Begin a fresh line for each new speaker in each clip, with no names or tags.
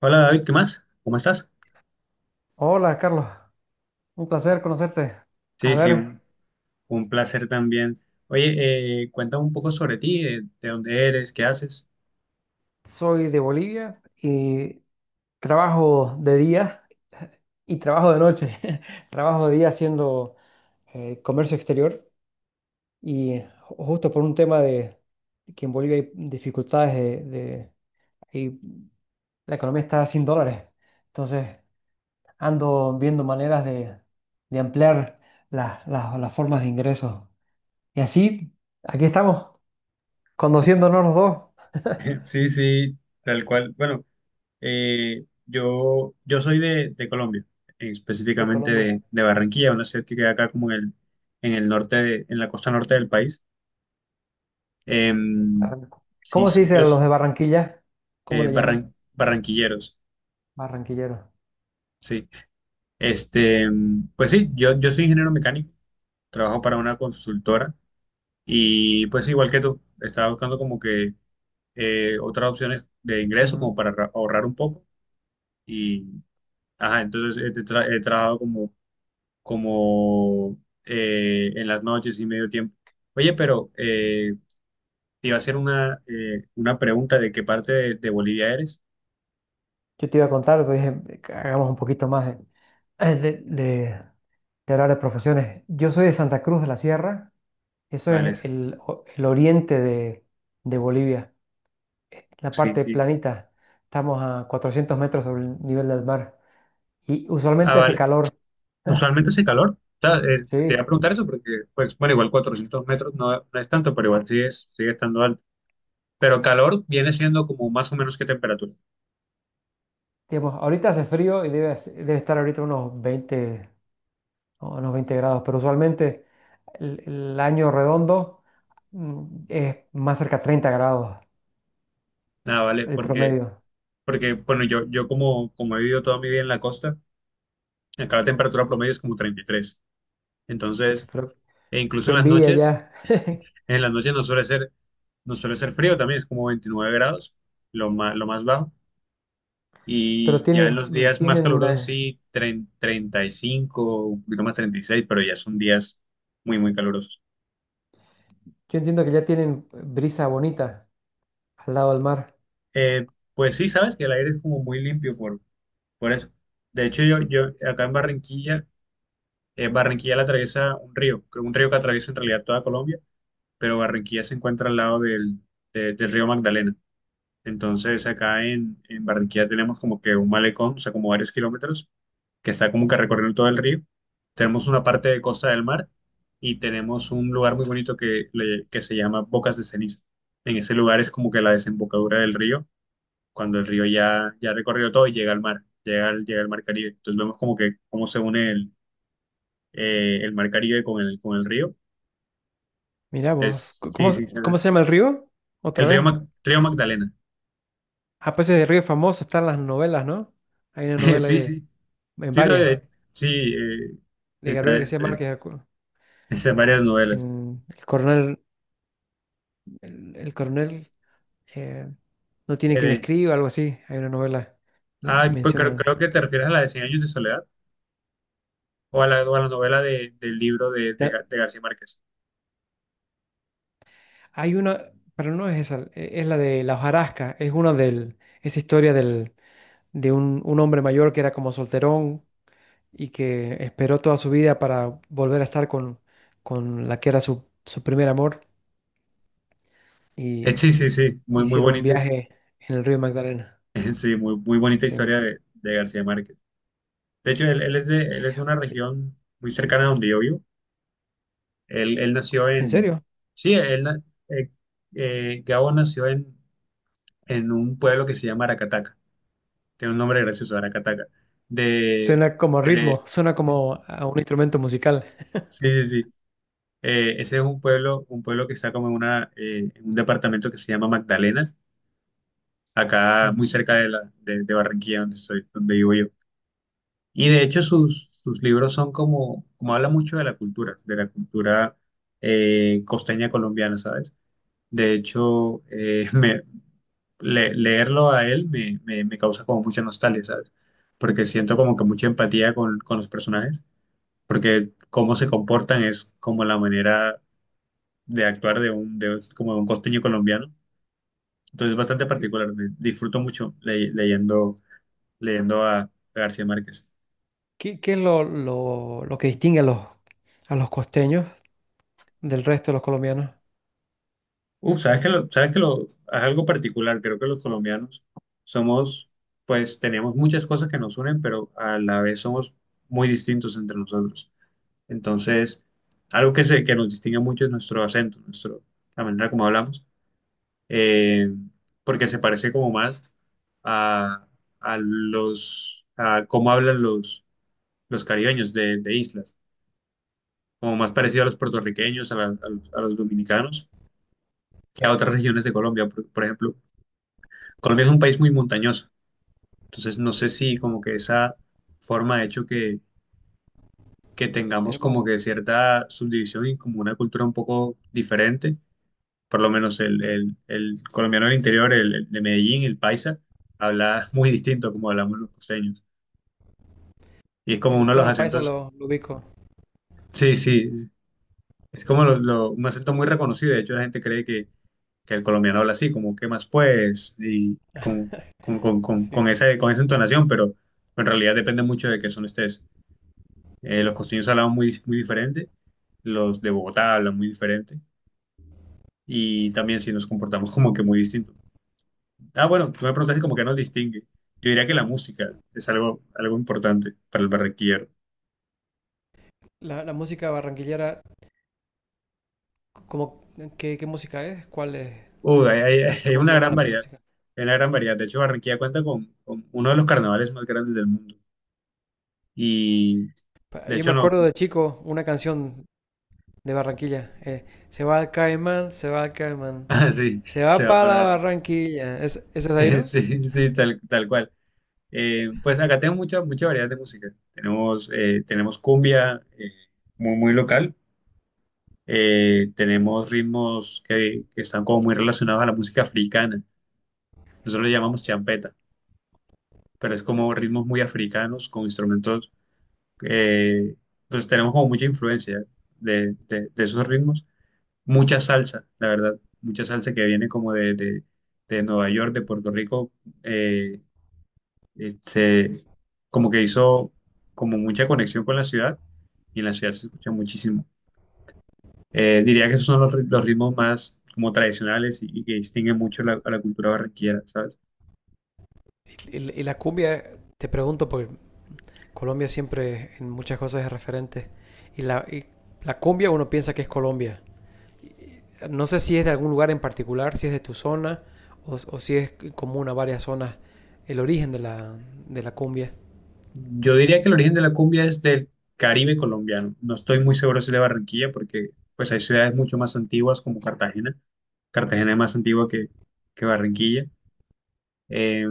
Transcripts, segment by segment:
Hola David, ¿qué más? ¿Cómo estás?
Hola, Carlos. Un placer conocerte. A
Sí, sí,
ver,
un, un placer también. Oye, cuéntame un poco sobre ti, dónde eres, qué haces.
soy de Bolivia y trabajo de día y trabajo de noche. Trabajo de día haciendo comercio exterior y justo por un tema de que en Bolivia hay dificultades de. Y la economía está sin dólares. Entonces ando viendo maneras de ampliar las formas de ingresos. Y así, aquí estamos, conociéndonos los dos
Sí, sí, tal cual. Bueno, yo soy de Colombia,
de
específicamente
Colombia.
de Barranquilla, una ciudad que queda acá como en en el norte, en la costa norte del país. Em,
Barran-
sí,
¿Cómo se
soy
dice a
yo,
los de Barranquilla? ¿Cómo le llaman?
barranquilleros,
Barranquilleros.
sí. Este, pues sí, yo soy ingeniero mecánico, trabajo para una consultora. Y pues igual que tú, estaba buscando como que otras opciones de ingreso
Ujú.
como para ahorrar un poco. Y, ajá, entonces he trabajado como en las noches y medio tiempo. Oye, pero te iba a hacer una pregunta de qué parte de Bolivia eres.
Yo te iba a contar, pero dije, que hagamos un poquito más de, de- de- de hablar de profesiones. Yo soy de Santa Cruz de la Sierra, eso
Vale,
es
es-
el oriente de Bolivia, la
sí,
parte
sí.
planita. Estamos a 400 metros sobre el nivel del mar y
Ah,
usualmente hace
vale.
calor.
Usualmente hace calor. O sea, te iba
Sí,
a preguntar eso porque, pues, bueno, igual 400 metros no, no es tanto, pero igual sigue, sigue estando alto. Pero calor viene siendo como más o menos qué temperatura.
digamos, ahorita hace frío y debe estar ahorita unos 20, o unos 20 grados, pero usualmente el año redondo es más cerca a 30 grados
Nada, vale,
el
porque,
promedio.
porque bueno, como he vivido toda mi vida en la costa, acá la temperatura promedio es como 33.
Pucha,
Entonces,
pero
e incluso
qué envidia ya.
en las noches no suele ser, no suele ser frío también, es como 29 grados, lo más bajo.
Pero
Y ya en
tienen,
los días más
tienen,
calurosos
eh,
sí, 35, un poquito más, 36, pero ya son días muy, muy calurosos.
yo entiendo que ya tienen brisa bonita al lado del mar.
Eh, pues sí, sabes que el aire es como muy limpio por eso. De hecho, yo acá en Barranquilla. Barranquilla la atraviesa un río, creo un río que atraviesa en realidad toda Colombia, pero Barranquilla se encuentra al lado del río Magdalena. Entonces acá en Barranquilla tenemos como que un malecón, o sea, como varios kilómetros, que está como que recorriendo todo el río. Tenemos una parte de costa del mar y tenemos un lugar muy bonito que se llama Bocas de Ceniza. En ese lugar es como que la desembocadura del río, cuando el río ya, ya ha recorrido todo y llega al mar, llega al mar Caribe. Entonces vemos como que cómo se une el mar Caribe con el río.
Mirá vos,
Es,
c-
sí,
¿cómo, se-
sí, sí,
cómo se llama el río? Otra
el río,
vez.
Río Magdalena.
Ah, pues ese río es famoso, está en las novelas, ¿no? Hay una novela ahí
Sí,
de,
sí,
en
sí, no,
varias,
sí, eh,
de
está,
Gabriel García
eh,
Márquez,
está en varias novelas.
en el coronel, el coronel eh, no tiene
Eh,
quien le
de-
escriba, algo así. Hay una novela,
ah, pues creo,
mencionan.
creo que te refieres a la de Cien años de soledad o a la novela del libro
Ta-
De García Márquez.
Hay una, pero no es esa, es la de La hojarasca, es una del, esa historia del, de un hombre mayor que era como solterón y que esperó toda su vida para volver a estar con la que era su, su primer amor y
Sí, sí, sí, muy, muy
hicieron un
bonita,
viaje en el río Magdalena.
sí, muy, muy bonita
Sí.
historia de García Márquez. De hecho, él, él es de una región muy cercana a donde yo vivo. Él nació
¿En
en,
serio?
sí, él, na- eh, Gabo nació en un pueblo que se llama Aracataca. Tiene un nombre gracioso, Aracataca. De,
Suena como
de-
ritmo, suena como a un instrumento musical.
sí, sí, sí. Ese es un pueblo que está como en una, en un departamento que se llama Magdalena, acá muy
Ujú.
cerca de de Barranquilla, donde estoy, donde vivo yo. Y de hecho sus, sus libros son como, como habla mucho de la cultura costeña colombiana, ¿sabes? De hecho, leerlo a él me causa como mucha nostalgia, ¿sabes? Porque siento como que mucha empatía con los personajes, porque cómo se comportan es como la manera de actuar de como de un costeño colombiano. Entonces es bastante particular, disfruto mucho leyendo, leyendo a García Márquez.
¿Qué, qué es lo que distingue a los costeños del resto de los colombianos?
Uf, sabes que lo, es algo particular, creo que los colombianos somos, pues tenemos muchas cosas que nos unen, pero a la vez somos muy distintos entre nosotros. Entonces, que nos distingue mucho es nuestro acento, nuestro, la manera como hablamos, eh, porque se parece como más a, a los, a cómo hablan los caribeños de islas, como más parecido a los puertorriqueños, a los dominicanos, que a otras regiones de Colombia. Por ejemplo, Colombia es un país muy montañoso, entonces no sé si como que esa forma ha hecho que tengamos como
Tenem-
que cierta subdivisión y como una cultura un poco diferente, por lo menos el colombiano del interior, el de Medellín, el paisa, habla muy distinto a como hablamos los costeños. Y es como
El
uno de los
tono paisa
acentos,
lo ubico.
sí, sí, es como un acento muy reconocido. De hecho, la gente cree que el colombiano habla así, como, ¿qué más pues? Y
Sí.
con esa entonación, pero en realidad depende mucho de qué son estés. Los costeños hablan muy, muy diferente, los de Bogotá hablan muy diferente, y también si nos comportamos como que muy distinto. Ah, bueno, tú me preguntaste como que nos distingue. Yo diría que la música es
Sí.
algo, algo importante para el barranquillero.
La música barranquillera, ¿cómo, qué, qué música es? ¿Cuál es?
Uy, hay
¿Cómo
una
se llama
gran
la
variedad,
melódica?
hay una gran variedad. De hecho, Barranquilla cuenta con uno de los carnavales más grandes del mundo. Y de
Yo
hecho,
me
no,
acuerdo de chico una canción de Barranquilla. Se va al Caimán, se va al Caimán,
ah, sí,
se
se
va
va a
para la
parar.
Barranquilla. Es, esa es de ahí, ¿no?
Sí, sí, tal, tal cual. Pues acá tenemos mucha, mucha variedad de música. Tenemos, tenemos cumbia, muy, muy local. Tenemos ritmos que están como muy relacionados a la música africana. Nosotros le llamamos champeta, pero es como ritmos muy africanos con instrumentos que pues tenemos como mucha influencia de esos ritmos. Mucha salsa, la verdad, mucha salsa que viene como de Nueva York, de Puerto Rico, eh, eh, se- como que hizo como mucha conexión con la ciudad y en la ciudad se escucha muchísimo. Diría que esos son los ritmos más como tradicionales y que distinguen mucho a la cultura barranquillera, ¿sabes?
Y la cumbia, te pregunto, porque Colombia siempre en muchas cosas es referente. Y la cumbia uno piensa que es Colombia. No sé si es de algún lugar en particular, si es de tu zona o si es común a varias zonas el origen de la cumbia.
Yo diría que el origen de la cumbia es del Caribe colombiano. No estoy muy seguro si es de Barranquilla, porque pues hay ciudades mucho más antiguas como Cartagena. Cartagena es más antigua que Barranquilla. Eh,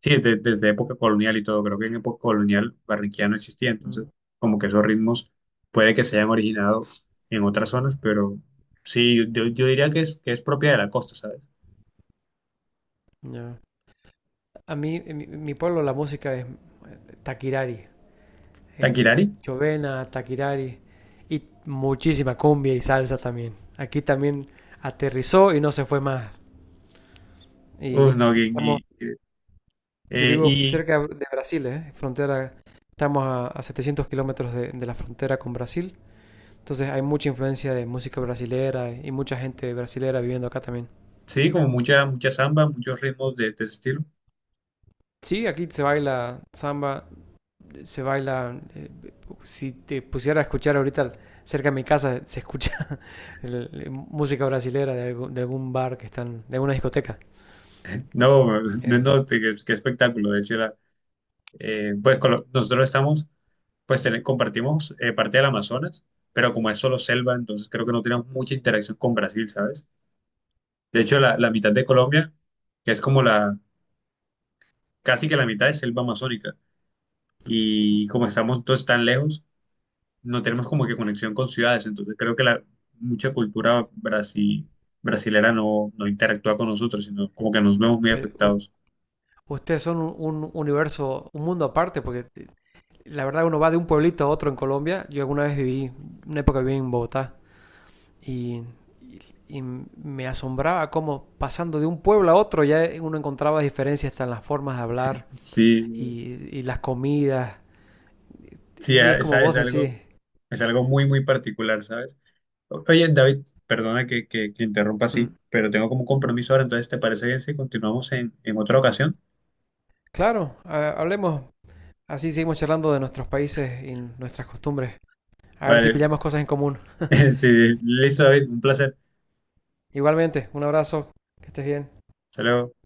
sí, desde época colonial y todo. Creo que en época colonial Barranquilla no existía, entonces
Mm,
como que esos ritmos puede que se hayan originado en otras zonas, pero sí, yo diría que es propia de la costa, ¿sabes?
ya. A mí, en mi pueblo la música es taquirari, el
Taquirari,
chovena, taquirari y muchísima cumbia y salsa también. Aquí también aterrizó y no se fue más.
uf, no,
Y estamos. Yo vivo
y
cerca de Brasil, ¿eh? Frontera, estamos a 700 kilómetros de la frontera con Brasil. Entonces hay mucha influencia de música brasilera y mucha gente brasilera viviendo acá también.
sí, como mucha, mucha samba, muchos ritmos de ese estilo.
Sí, aquí se baila samba, se baila... si te pusiera a escuchar ahorita cerca de mi casa, se escucha música brasilera de algún bar que están, de alguna discoteca.
No,
Eh,
no, qué, qué espectáculo. De hecho, era, nosotros estamos, compartimos parte del Amazonas, pero como es solo selva, entonces creo que no tenemos mucha interacción con Brasil, ¿sabes? De hecho, la mitad de Colombia, que es como la, casi que la mitad es selva amazónica, y como estamos todos tan lejos, no tenemos como que conexión con ciudades, entonces creo que la mucha brasilera no, no interactúa con nosotros, sino como que nos vemos muy
pero
afectados.
ustedes son un universo, un mundo aparte, porque la verdad, uno va de un pueblito a otro en Colombia. Yo alguna vez viví, una época viví en Bogotá y, y- y me asombraba cómo pasando de un pueblo a otro ya uno encontraba diferencias hasta en las formas de hablar
Sí,
y las comidas.
sí,
Y es como vos decís.
es algo muy, muy particular, ¿sabes? Oye, David, perdona que interrumpa así,
Mm.
pero tengo como un compromiso ahora, entonces, ¿te parece bien si continuamos en otra ocasión?
Claro, hablemos. Así seguimos charlando de nuestros países y nuestras costumbres. A ver si
Vale,
pillamos cosas en común.
sí, listo, David, un placer.
Igualmente, un abrazo. Que estés bien.
Hasta luego.